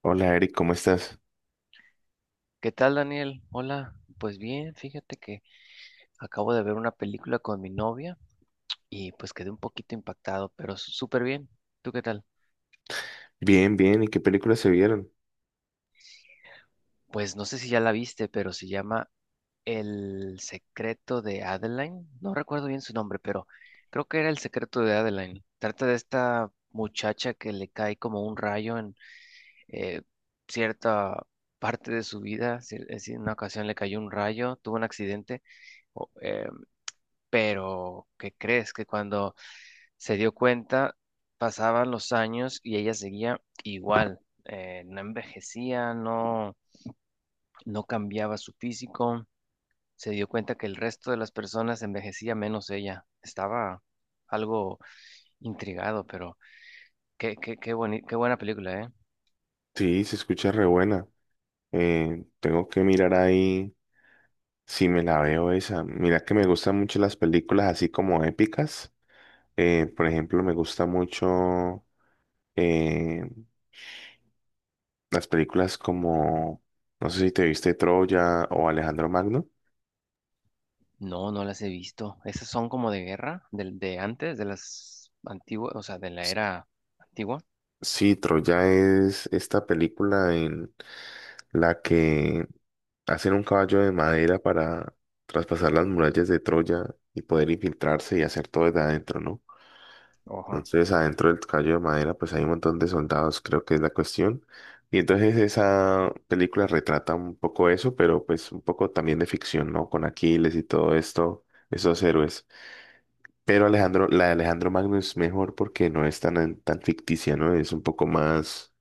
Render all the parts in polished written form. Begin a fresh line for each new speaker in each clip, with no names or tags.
Hola Eric, ¿cómo estás?
¿Qué tal, Daniel? Hola, pues bien, fíjate que acabo de ver una película con mi novia y pues quedé un poquito impactado, pero súper bien. ¿Tú qué tal?
Bien, bien. ¿Y qué películas se vieron?
Pues no sé si ya la viste, pero se llama El secreto de Adeline. No recuerdo bien su nombre, pero creo que era El secreto de Adeline. Trata de esta muchacha que le cae como un rayo en eh, cierta parte de su vida. Es decir, en una ocasión le cayó un rayo, tuvo un accidente o- eh, pero, ¿qué crees? Que cuando se dio cuenta, pasaban los años y ella seguía igual. No envejecía, no, no cambiaba su físico. Se dio cuenta que el resto de las personas envejecía menos ella. Estaba algo intrigado, pero qué buena película, ¿eh?
Sí, se escucha re buena. Tengo que mirar ahí si me la veo esa. Mira que me gustan mucho las películas así como épicas. Por ejemplo, me gusta mucho eh, las películas como, no sé si te viste Troya o Alejandro Magno.
No, no las he visto. Esas son como de guerra, del de antes, de las antiguas, o sea, de la era antigua.
Sí, Troya es esta película en la que hacen un caballo de madera para traspasar las murallas de Troya y poder infiltrarse y hacer todo desde adentro, ¿no?
Ajá,
Entonces, adentro del caballo de madera, pues hay un montón de soldados, creo que es la cuestión. Y entonces esa película retrata un poco eso, pero pues un poco también de ficción, ¿no? Con Aquiles y todo esto, esos héroes. Pero Alejandro, la de Alejandro Magno es mejor porque no es tan ficticia, ¿no? Es un poco más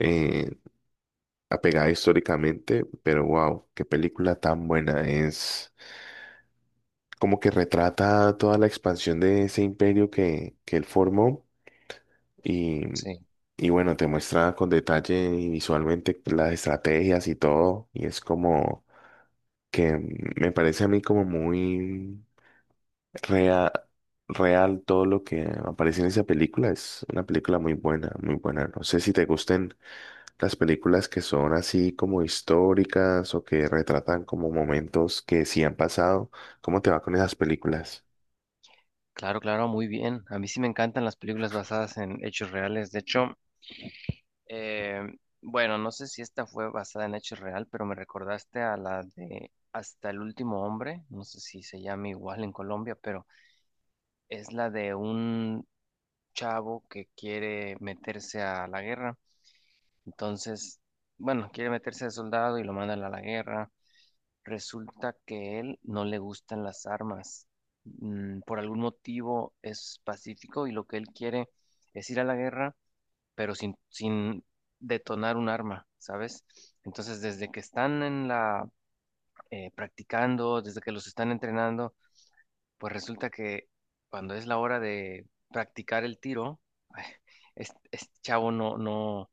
eh, apegada históricamente, pero wow, qué película tan buena es. Como que retrata toda la expansión de ese imperio que él formó y,
sí.
y bueno, te muestra con detalle y visualmente las estrategias y todo y es como que me parece a mí como muy real, real todo lo que aparece en esa película, es una película muy buena, muy buena. No sé si te gusten las películas que son así como históricas o que retratan como momentos que sí han pasado. ¿Cómo te va con esas películas?
Claro, claro, muy bien. A mí sí me encantan las películas basadas en hechos reales. De hecho, eh, bueno, no sé si esta fue basada en hechos real, pero me recordaste a la de Hasta el último hombre. No sé si se llama igual en Colombia, pero es la de un chavo que quiere meterse a la guerra. Entonces, bueno, quiere meterse de soldado y lo mandan a la guerra. Resulta que él no le gustan las armas. Mm, por algún motivo es pacífico y lo que él quiere es ir a la guerra, pero sin detonar un arma, ¿sabes? Entonces, desde que están en la practicando, desde que los están entrenando, pues resulta que cuando es la hora de practicar el tiro, es este chavo no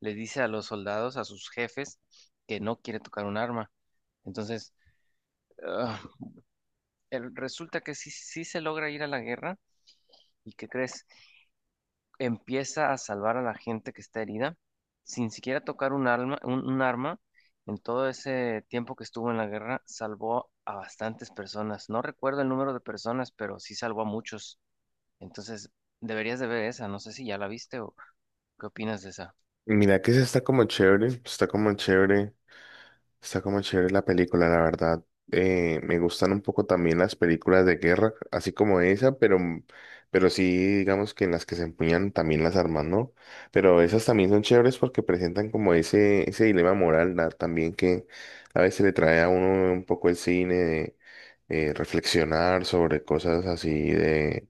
le dice a los soldados, a sus jefes, que no quiere tocar un arma. Entonces, ah, resulta que sí, sí se logra ir a la guerra y ¿qué crees? Empieza a salvar a la gente que está herida sin siquiera tocar un arma. En todo ese tiempo que estuvo en la guerra, salvó a bastantes personas. No recuerdo el número de personas, pero sí salvó a muchos. Entonces, deberías de ver esa. No sé si ya la viste o qué opinas de esa.
Mira que sí está como chévere, está como chévere, está como chévere la película, la verdad. Me gustan un poco también las películas de guerra, así como esa, pero sí, digamos que en las que se empuñan también las armas, ¿no? Pero esas también son chéveres porque presentan como ese dilema moral, ¿no? También que a veces le trae a uno un poco el cine de reflexionar sobre cosas así de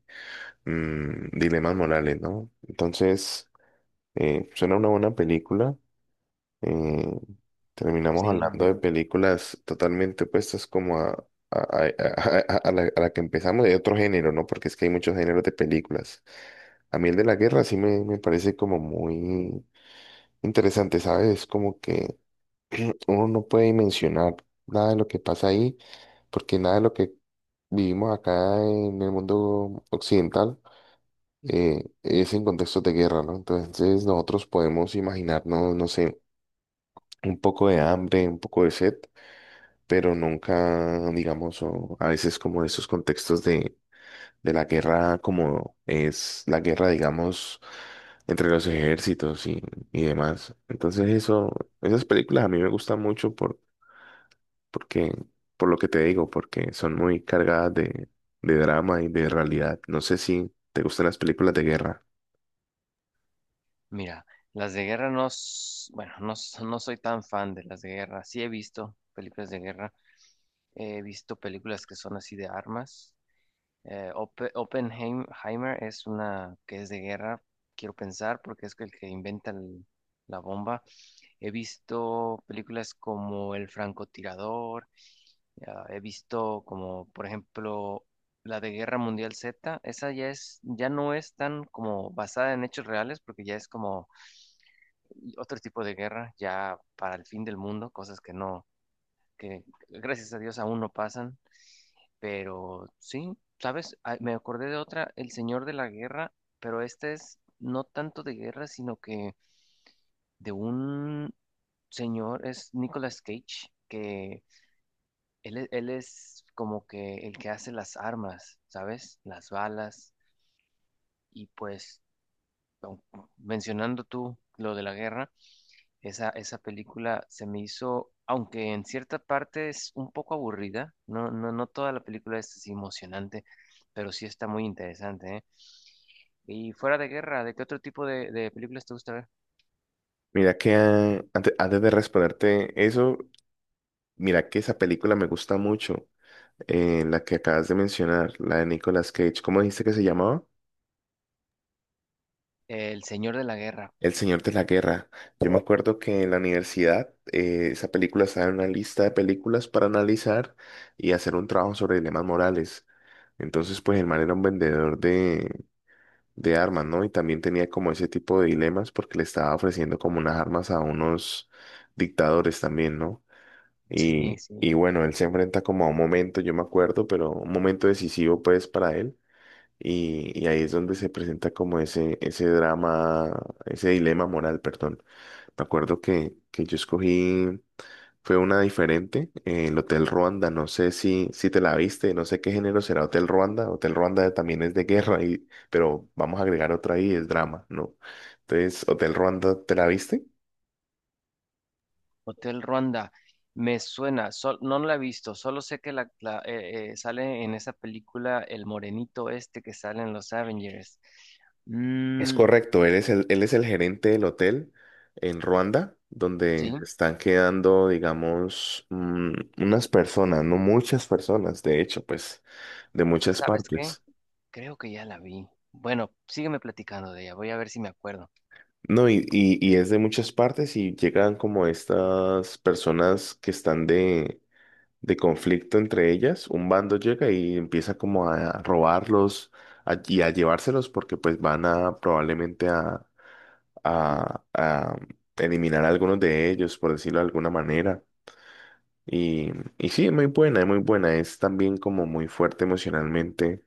dilemas morales, ¿no? Entonces, suena una buena película. Eh, Terminamos
Sí, lo
hablando de
de-
películas totalmente opuestas como a, a la que empezamos de otro género, ¿no? Porque es que hay muchos géneros de películas. A mí el de la guerra sí me parece como muy interesante, ¿sabes? Es como que uno no puede dimensionar nada de lo que pasa ahí, porque nada de lo que vivimos acá en el mundo occidental es en contextos de guerra, ¿no? Entonces nosotros podemos imaginarnos, no sé, un poco de hambre, un poco de sed pero nunca, digamos, o a veces como esos contextos de la guerra, como es la guerra, digamos, entre los ejércitos y demás. Entonces eso, esas películas a mí me gustan mucho por, porque, por lo que te digo, porque son muy cargadas de drama y de realidad. No sé si te gustan las películas de guerra.
Mira, las de guerra no, bueno, no, no soy tan fan de las de guerra. Sí he visto películas de guerra. He visto películas que son así de armas. Oppenheimer es una que es de guerra, quiero pensar, porque es el que inventa la bomba. He visto películas como El francotirador, ya, he visto como, por ejemplo, la de Guerra Mundial Z. Esa ya es, ya no es tan como basada en hechos reales, porque ya es como otro tipo de guerra, ya para el fin del mundo, cosas que no, que gracias a Dios aún no pasan. Pero sí, ¿sabes? Ah, me acordé de otra, El Señor de la Guerra, pero esta es no tanto de guerra, sino que de un señor, es Nicolas Cage, que él es como que el que hace las armas, ¿sabes? Las balas. Y pues, au- mencionando tú lo de la guerra, esa película se me hizo, aunque en cierta parte es un poco aburrida, no, no, no toda la película es así emocionante, pero sí está muy interesante, ¿eh? Y fuera de guerra, ¿de qué otro tipo de películas te gusta ver?
Mira que antes, de responderte eso, mira que esa película me gusta mucho. Eh, la que acabas de mencionar, la de Nicolas Cage, ¿cómo dijiste que se llamaba?
El Señor de la Guerra.
El Señor de la Guerra. Yo me acuerdo que en la universidad esa película estaba en una lista de películas para analizar y hacer un trabajo sobre dilemas morales. Entonces, pues el man era un vendedor de armas, ¿no? Y también tenía como ese tipo de dilemas porque le estaba ofreciendo como unas armas a unos dictadores también, ¿no?
Sí, sí.
Y bueno, él se enfrenta como a un momento, yo me acuerdo, pero un momento decisivo pues para él. Y ahí es donde se presenta como ese drama, ese dilema moral, perdón. Me acuerdo que yo escogí, fue una diferente, el Hotel Ruanda, no sé si, si te la viste, no sé qué género será Hotel Ruanda, Hotel Ruanda también es de guerra, y, pero vamos a agregar otra ahí, es drama, ¿no? Entonces, Hotel Ruanda, ¿te la viste?
Hotel Ruanda. Me suena, no la he visto, solo sé que sale en esa película el morenito este que sale en los Avengers.
Es
Mm,
correcto, él es el gerente del hotel en Ruanda, donde se
sí,
están quedando, digamos, mm, unas personas, no muchas personas, de hecho, pues, de muchas
¿sabes qué?
partes.
Creo que ya la vi. Bueno, sígueme platicando de ella, voy a ver si me acuerdo.
No, y es de muchas partes y llegan como estas personas que están de conflicto entre ellas. Un bando llega y empieza como a robarlos y a llevárselos porque pues van a probablemente a eliminar a algunos de ellos, por decirlo de alguna manera. Y, y sí, es muy buena, es muy buena. Es también como muy fuerte emocionalmente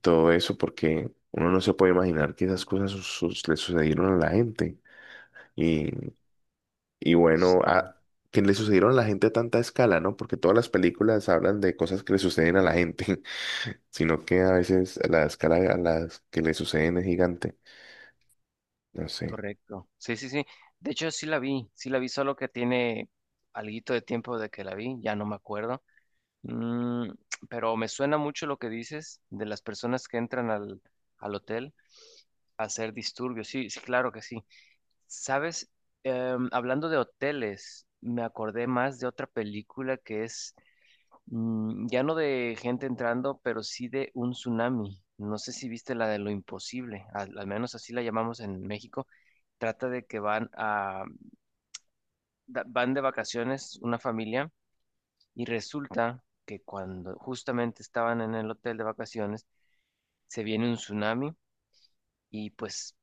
todo eso, porque uno no se puede imaginar que esas cosas le sucedieron a la gente. Y, y bueno,
Sí,
a, que le sucedieron a la gente a tanta escala, ¿no? Porque todas las películas hablan de cosas que le suceden a la gente, sino que a veces la escala a las que le suceden es gigante. No sé.
correcto. Sí, sí, sí. De hecho, sí la vi, solo que tiene alguito de tiempo de que la vi, ya no me acuerdo. Mm, pero me suena mucho lo que dices de las personas que entran al hotel a hacer disturbios. Sí, sí, claro que sí. Sabes, hablando de hoteles, me acordé más de otra película que es ya no de gente entrando, pero sí de un tsunami. No sé si viste la de Lo Imposible, al al menos así la llamamos en México. Trata de que van de vacaciones una familia. Y resulta que cuando justamente estaban en el hotel de vacaciones, se viene un tsunami y pues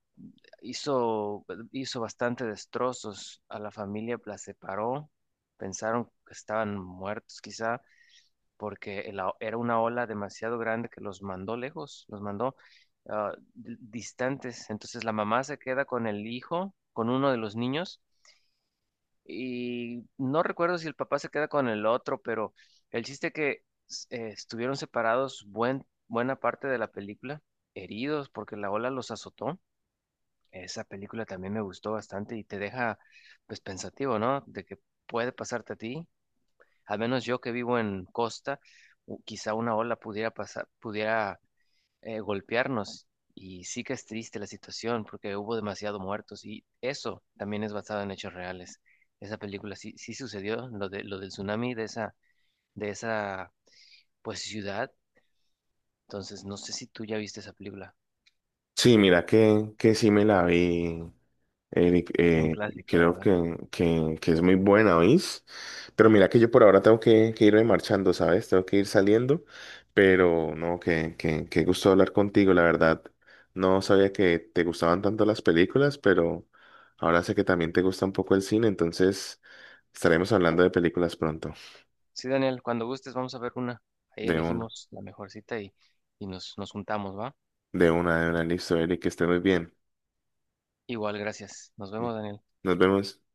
hizo, hizo bastante destrozos a la familia, la separó, pensaron que estaban muertos quizá, porque era una ola demasiado grande que los mandó lejos, los mandó distantes. Entonces la mamá se queda con el hijo, con uno de los niños. Y no recuerdo si el papá se queda con el otro, pero el chiste que estuvieron separados buena parte de la película, heridos porque la ola los azotó. Esa película también me gustó bastante y te deja pues pensativo, ¿no? De que puede pasarte a ti. Al menos yo que vivo en costa, quizá una ola pudiera pasar, pudiera golpearnos. Y sí que es triste la situación porque hubo demasiado muertos y eso también es basado en hechos reales. Esa película sí, sí sucedió, lo de, lo del tsunami de esa pues ciudad. Entonces, no sé si tú ya viste esa película.
Sí, mira que sí me la vi. Eric,
Es un clásico,
creo
¿verdad?
que es muy buena, ¿oís? Pero mira que yo por ahora tengo que irme marchando, ¿sabes? Tengo que ir saliendo, pero no, que gusto hablar contigo, la verdad. No sabía que te gustaban tanto las películas, pero ahora sé que también te gusta un poco el cine, entonces estaremos hablando de películas pronto.
Sí, Daniel, cuando gustes vamos a ver una. Ahí
De un,
elegimos la mejor cita y, nos juntamos, ¿va?
de una, listo, Eric, que esté muy bien.
Igual, gracias. Nos vemos, Daniel.
Nos vemos.